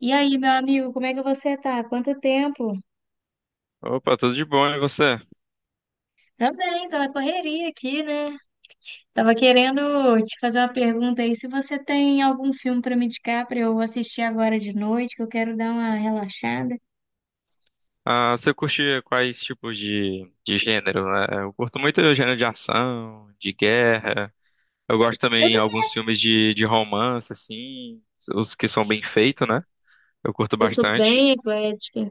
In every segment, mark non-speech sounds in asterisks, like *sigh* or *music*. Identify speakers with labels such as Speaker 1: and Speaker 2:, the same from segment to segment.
Speaker 1: E aí, meu amigo, como é que você tá? Quanto tempo?
Speaker 2: Opa, tudo de bom, e você?
Speaker 1: Também, tô na correria aqui, né? Tava querendo te fazer uma pergunta aí, se você tem algum filme pra me indicar pra eu assistir agora de noite, que eu quero dar uma relaxada.
Speaker 2: Ah, você curte quais tipos de gênero, né? Eu curto muito o gênero de ação, de guerra. Eu gosto
Speaker 1: Eu
Speaker 2: também de
Speaker 1: também,
Speaker 2: alguns filmes de romance, assim, os que são bem feitos, né? Eu curto
Speaker 1: eu
Speaker 2: bastante.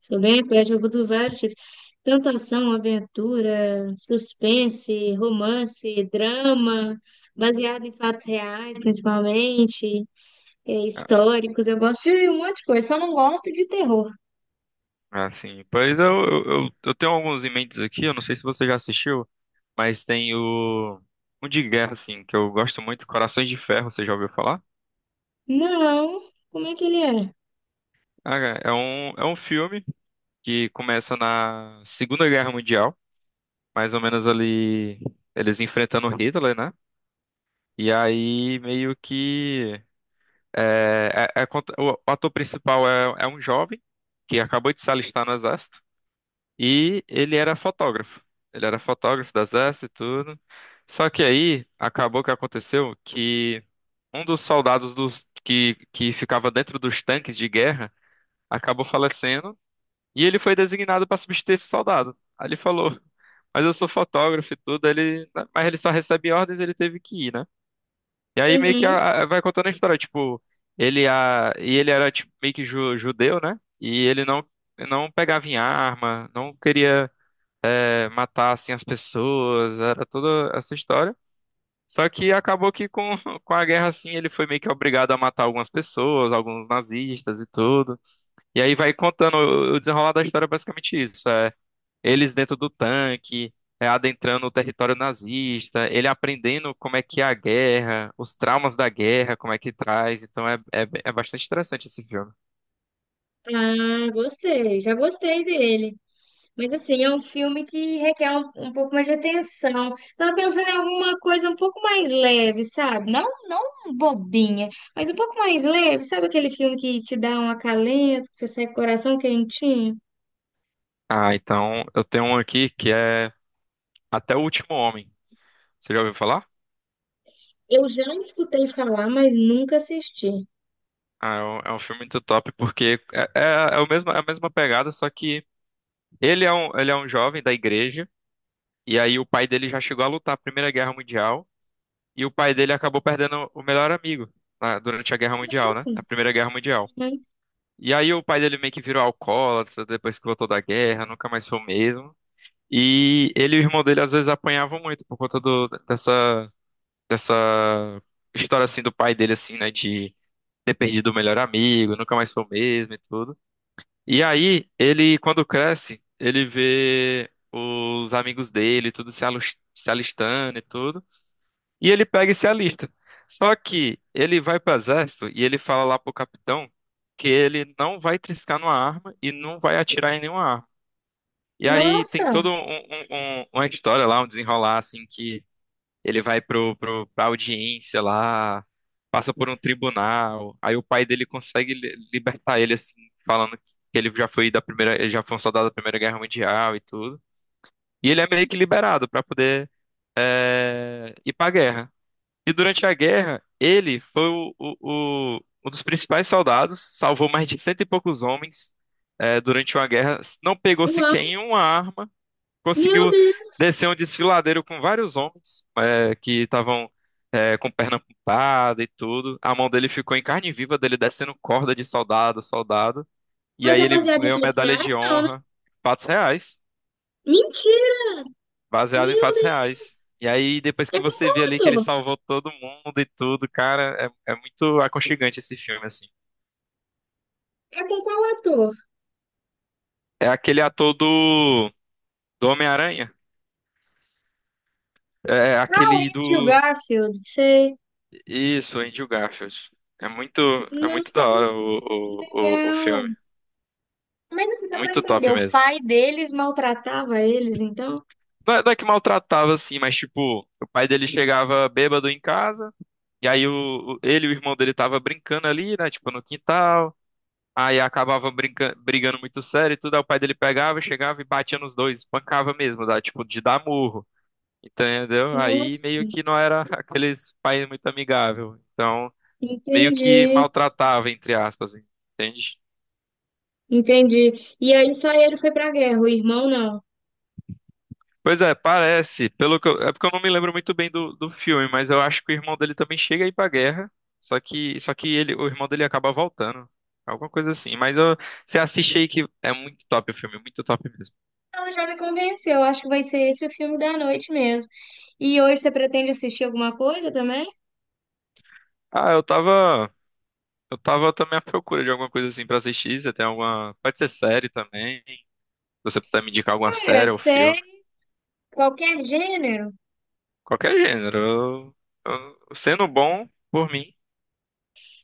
Speaker 1: sou bem eclética, eu curto vários tipos. Tanto ação, aventura, suspense, romance, drama, baseado em fatos reais, principalmente,
Speaker 2: Ah,
Speaker 1: históricos. Eu gosto de um monte de coisa, só não gosto de terror.
Speaker 2: Assim, pois eu tenho alguns em mentes aqui, eu não sei se você já assistiu, mas tem o um de guerra, assim, que eu gosto muito, Corações de Ferro, você já ouviu falar?
Speaker 1: Não, como é que ele é?
Speaker 2: Ah, é um filme que começa na Segunda Guerra Mundial, mais ou menos ali, eles enfrentando o Hitler, né? E aí meio que o ator principal é um jovem que acabou de se alistar no exército e ele era fotógrafo. Ele era fotógrafo do exército e tudo. Só que aí acabou que aconteceu que um dos soldados que ficava dentro dos tanques de guerra acabou falecendo e ele foi designado para substituir esse soldado. Aí ele falou, mas eu sou fotógrafo e tudo, mas ele só recebe ordens, ele teve que ir, né? E aí meio que
Speaker 1: Uhum.
Speaker 2: vai contando a história, tipo, e ele era tipo, meio que judeu, né? E ele não, não pegava em arma, não queria, matar assim as pessoas, era toda essa história. Só que acabou que com, *laughs* com a guerra assim, ele foi meio que obrigado a matar algumas pessoas, alguns nazistas e tudo. E aí vai contando o desenrolar da história, é basicamente isso. Eles dentro do tanque, adentrando o território nazista, ele aprendendo como é que é a guerra, os traumas da guerra, como é que traz. Então é bastante interessante esse filme.
Speaker 1: Ah, gostei. Já gostei dele. Mas assim, é um filme que requer um pouco mais de atenção. Tava pensando em alguma coisa um pouco mais leve, sabe? Não, não bobinha, mas um pouco mais leve. Sabe aquele filme que te dá um acalento, que você sai com o coração quentinho?
Speaker 2: Ah, então eu tenho um aqui que é Até o Último Homem. Você já ouviu falar?
Speaker 1: Eu já escutei falar, mas nunca assisti.
Speaker 2: Ah, é um filme muito top porque é o mesmo, é a mesma pegada, só que ele é um jovem da igreja, e aí o pai dele já chegou a lutar a Primeira Guerra Mundial, e o pai dele acabou perdendo o melhor amigo. Durante a Guerra Mundial, né?
Speaker 1: Nossa.
Speaker 2: A Primeira Guerra Mundial.
Speaker 1: Uhum.
Speaker 2: E aí o pai dele meio que virou alcoólatra depois que voltou da guerra, nunca mais foi o mesmo. E ele e o irmão dele às vezes apanhavam muito por conta dessa história assim do pai dele assim, né, de ter perdido o melhor amigo, nunca mais foi o mesmo e tudo. E aí ele quando cresce, ele vê os amigos dele, tudo se alistando e tudo. E ele pega e se alista. Só que ele vai para o exército e ele fala lá pro capitão que ele não vai triscar numa arma e não vai atirar em nenhuma arma. E aí tem
Speaker 1: Nossa.
Speaker 2: toda uma história lá, um desenrolar assim que ele vai pra audiência lá, passa por um tribunal, aí o pai dele consegue libertar ele assim, falando que ele já foi da primeira, ele já foi um soldado da Primeira Guerra Mundial e tudo. E ele é meio que liberado para poder ir para a guerra. E durante a guerra, ele foi um dos principais soldados, salvou mais de cento e poucos homens durante uma guerra, não pegou
Speaker 1: Uau.
Speaker 2: sequer em uma arma,
Speaker 1: Meu
Speaker 2: conseguiu
Speaker 1: Deus.
Speaker 2: descer um desfiladeiro com vários homens que estavam com perna amputada e tudo. A mão dele ficou em carne viva, dele descendo corda de soldado, a soldado. E
Speaker 1: Mas
Speaker 2: aí
Speaker 1: é
Speaker 2: ele
Speaker 1: baseado em
Speaker 2: ganhou
Speaker 1: fatos
Speaker 2: medalha de
Speaker 1: reais? Não, né?
Speaker 2: honra, fatos reais,
Speaker 1: Mentira.
Speaker 2: baseado em
Speaker 1: Meu
Speaker 2: fatos
Speaker 1: Deus.
Speaker 2: reais. E aí, depois
Speaker 1: É
Speaker 2: que
Speaker 1: com
Speaker 2: você
Speaker 1: qual
Speaker 2: vê ali que ele
Speaker 1: ator?
Speaker 2: salvou todo mundo e tudo, cara, é muito aconchegante esse filme, assim.
Speaker 1: É com qual ator?
Speaker 2: É aquele ator do Homem-Aranha. É é
Speaker 1: Ah, o
Speaker 2: aquele do.
Speaker 1: Andrew Garfield, sei.
Speaker 2: Isso, Andrew Garfield. É muito, é muito da hora
Speaker 1: Nossa, que
Speaker 2: o
Speaker 1: legal.
Speaker 2: filme.
Speaker 1: Mas assim, só pra
Speaker 2: Muito top
Speaker 1: entender, o
Speaker 2: mesmo.
Speaker 1: pai deles maltratava eles, então?
Speaker 2: Não é, não é que maltratava, assim, mas tipo, o pai dele chegava bêbado em casa, e aí ele e o irmão dele tava brincando ali, né? Tipo, no quintal. Aí acabava brigando muito sério e tudo. Aí o pai dele pegava, chegava e batia nos dois, espancava mesmo, dá, tipo, de dar murro. Entendeu? Aí
Speaker 1: Nossa,
Speaker 2: meio
Speaker 1: senhora.
Speaker 2: que não era *laughs* aqueles pais muito amigável. Então, meio que
Speaker 1: Entendi,
Speaker 2: maltratava, entre aspas, entende?
Speaker 1: entendi. E aí só ele foi pra guerra, o irmão não.
Speaker 2: Pois é, parece. É porque eu não me lembro muito bem do filme, mas eu acho que o irmão dele também chega a ir pra guerra. O irmão dele acaba voltando. Alguma coisa assim. Você assiste aí que é muito top o filme, muito top mesmo.
Speaker 1: Então já me convenceu, acho que vai ser esse o filme da noite mesmo. E hoje você pretende assistir alguma coisa também?
Speaker 2: Ah, eu tava. Eu tava também à procura de alguma coisa assim pra assistir. Você tem alguma. Pode ser série também. Se você puder me indicar alguma
Speaker 1: Cara,
Speaker 2: série ou filme.
Speaker 1: série, qualquer gênero.
Speaker 2: Qualquer gênero. Sendo bom, por mim.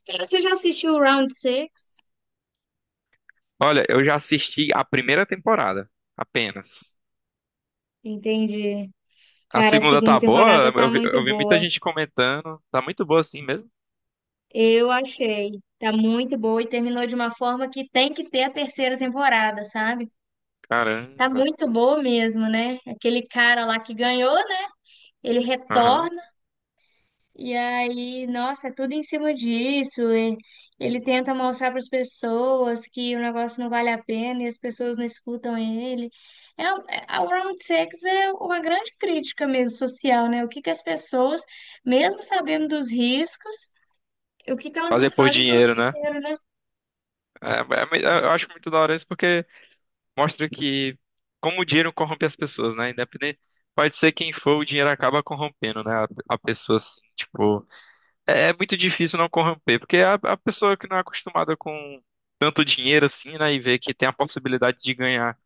Speaker 1: Cara, você já assistiu o Round Six?
Speaker 2: Olha, eu já assisti a primeira temporada. Apenas.
Speaker 1: Entendi.
Speaker 2: A
Speaker 1: Cara, a
Speaker 2: segunda
Speaker 1: segunda
Speaker 2: tá boa.
Speaker 1: temporada tá muito
Speaker 2: Eu vi muita
Speaker 1: boa.
Speaker 2: gente comentando. Tá muito boa assim mesmo.
Speaker 1: Eu achei. Tá muito boa e terminou de uma forma que tem que ter a terceira temporada, sabe? Tá
Speaker 2: Caramba.
Speaker 1: muito boa mesmo, né? Aquele cara lá que ganhou, né? Ele
Speaker 2: Aham.
Speaker 1: retorna e aí, nossa, é tudo em cima disso. E ele tenta mostrar para as pessoas que o negócio não vale a pena e as pessoas não escutam ele. É, a Round Six é uma grande crítica mesmo social, né? O que que as pessoas, mesmo sabendo dos riscos, o que que elas não
Speaker 2: Fazer por
Speaker 1: fazem pelo
Speaker 2: dinheiro, né?
Speaker 1: dinheiro, né?
Speaker 2: Eu acho muito da hora isso porque mostra que como o dinheiro corrompe as pessoas, né? Independente, pode ser quem for, o dinheiro acaba corrompendo, né? A pessoa, assim, tipo, é muito difícil não corromper, porque a pessoa que não é acostumada com tanto dinheiro assim, né? E vê que tem a possibilidade de ganhar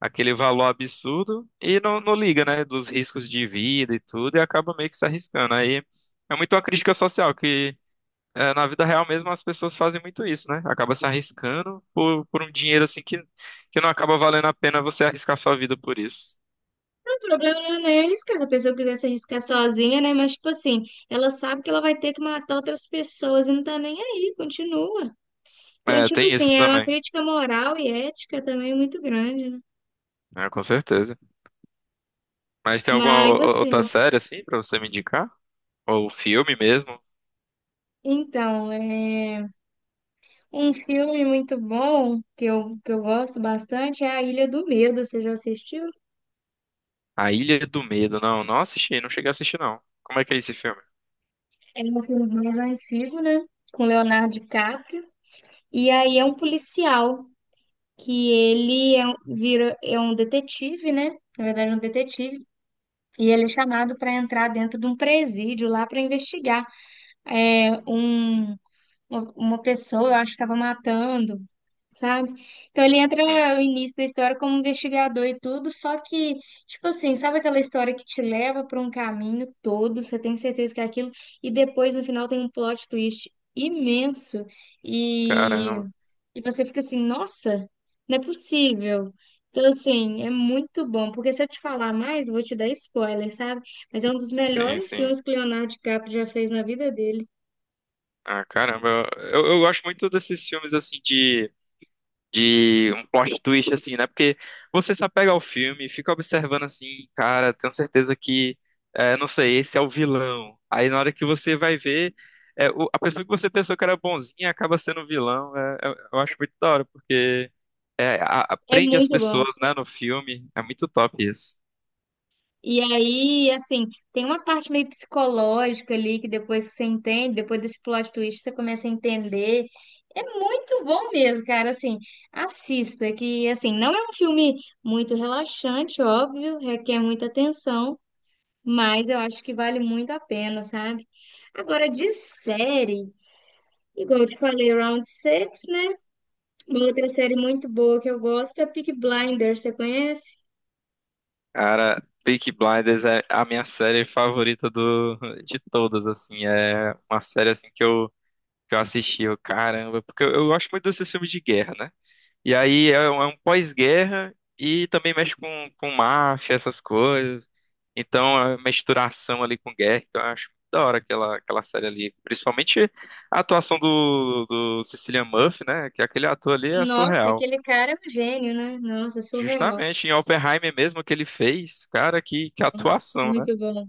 Speaker 2: aquele valor absurdo e não, não liga, né? Dos riscos de vida e tudo, e acaba meio que se arriscando. Aí é muito uma crítica social que na vida real mesmo as pessoas fazem muito isso, né? Acaba se arriscando por um dinheiro assim que não acaba valendo a pena você arriscar sua vida por isso.
Speaker 1: O problema não é neles, cara. Se a pessoa quiser se arriscar sozinha, né? Mas, tipo assim, ela sabe que ela vai ter que matar outras pessoas e não tá nem aí, continua. Então,
Speaker 2: É,
Speaker 1: tipo
Speaker 2: tem isso
Speaker 1: assim, é uma
Speaker 2: também,
Speaker 1: crítica moral e ética também muito grande, né?
Speaker 2: é. Com certeza. Mas tem alguma
Speaker 1: Mas,
Speaker 2: outra
Speaker 1: assim,
Speaker 2: série assim pra você me indicar? Ou filme mesmo?
Speaker 1: então, é... um filme muito bom que eu gosto bastante é A Ilha do Medo. Você já assistiu?
Speaker 2: A Ilha do Medo. Não, não assisti, não cheguei a assistir não. Como é que é esse filme?
Speaker 1: É um filme mais antigo, né? Com Leonardo DiCaprio. E aí é um policial. Que ele é, é um detetive, né? Na verdade, é um detetive. E ele é chamado para entrar dentro de um presídio lá para investigar é, um uma pessoa, eu acho que estava matando, sabe? Então ele entra
Speaker 2: Hum,
Speaker 1: no início da história como um investigador e tudo, só que, tipo assim, sabe aquela história que te leva para um caminho todo, você tem certeza que é aquilo, e depois no final tem um plot twist imenso e,
Speaker 2: caramba.
Speaker 1: e você fica assim, nossa, não é possível. Então, assim, é muito bom, porque se eu te falar mais, eu vou te dar spoiler, sabe? Mas é um dos
Speaker 2: Sim,
Speaker 1: melhores
Speaker 2: sim.
Speaker 1: filmes que Leonardo DiCaprio já fez na vida dele.
Speaker 2: Ah, caramba. Eu gosto muito desses filmes assim de um plot twist, assim, né? Porque você se apega ao filme, fica observando assim, cara, tenho certeza que, não sei, esse é o vilão. Aí na hora que você vai ver, a pessoa que você pensou que era bonzinha acaba sendo o vilão. Eu acho muito da hora, porque
Speaker 1: É
Speaker 2: aprende as
Speaker 1: muito bom.
Speaker 2: pessoas, né, no filme. É muito top isso.
Speaker 1: E aí, assim, tem uma parte meio psicológica ali que depois que você entende, depois desse plot twist você começa a entender. É muito bom mesmo, cara. Assim, assista, que assim, não é um filme muito relaxante, óbvio, requer muita atenção, mas eu acho que vale muito a pena, sabe? Agora, de série, igual eu te falei, Round Six, né? Uma outra série muito boa que eu gosto é Peaky Blinders, você conhece?
Speaker 2: Cara, Peaky Blinders é a minha série favorita de todas, assim. É uma série assim que eu assisti, eu, caramba, porque eu gosto muito desses filmes de guerra, né? E aí é um pós-guerra e também mexe com máfia, essas coisas. Então a misturação ali com guerra. Então eu acho muito da hora aquela, aquela série ali. Principalmente a atuação do Cillian Murphy, né? Que aquele ator ali é
Speaker 1: Nossa,
Speaker 2: surreal.
Speaker 1: aquele cara é um gênio, né? Nossa, surreal.
Speaker 2: Justamente em Oppenheimer mesmo que ele fez. Cara, que
Speaker 1: Nossa,
Speaker 2: atuação, né?
Speaker 1: muito bom.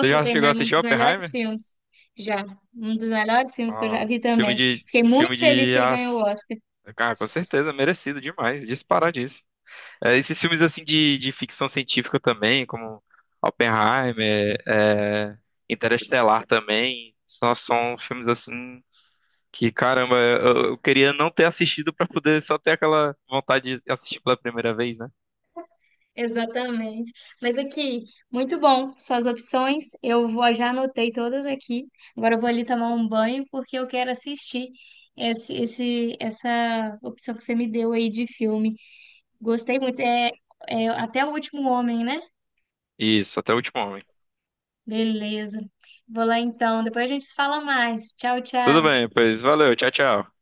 Speaker 2: Você já chegou a
Speaker 1: Oppenheimer é um
Speaker 2: assistir
Speaker 1: dos melhores
Speaker 2: Oppenheimer?
Speaker 1: filmes já. Um dos melhores filmes que eu já
Speaker 2: Ó,
Speaker 1: vi também. Fiquei muito
Speaker 2: filme
Speaker 1: feliz
Speaker 2: de
Speaker 1: que ele ganhou o
Speaker 2: as...
Speaker 1: Oscar.
Speaker 2: Cara, com certeza, merecido demais, disparadíssimo. É, esses filmes assim de ficção científica também, como Oppenheimer, é, Interestelar também, só são filmes assim que, caramba, eu queria não ter assistido pra poder só ter aquela vontade de assistir pela primeira vez, né?
Speaker 1: Exatamente. Mas aqui, muito bom. Suas opções, eu vou, já anotei todas aqui. Agora eu vou ali tomar um banho porque eu quero assistir essa opção que você me deu aí de filme. Gostei muito. É, é até o último homem, né?
Speaker 2: Isso, até o último homem.
Speaker 1: Beleza. Vou lá então. Depois a gente se fala mais. Tchau,
Speaker 2: Tudo
Speaker 1: tchau.
Speaker 2: bem, pois valeu, tchau, tchau.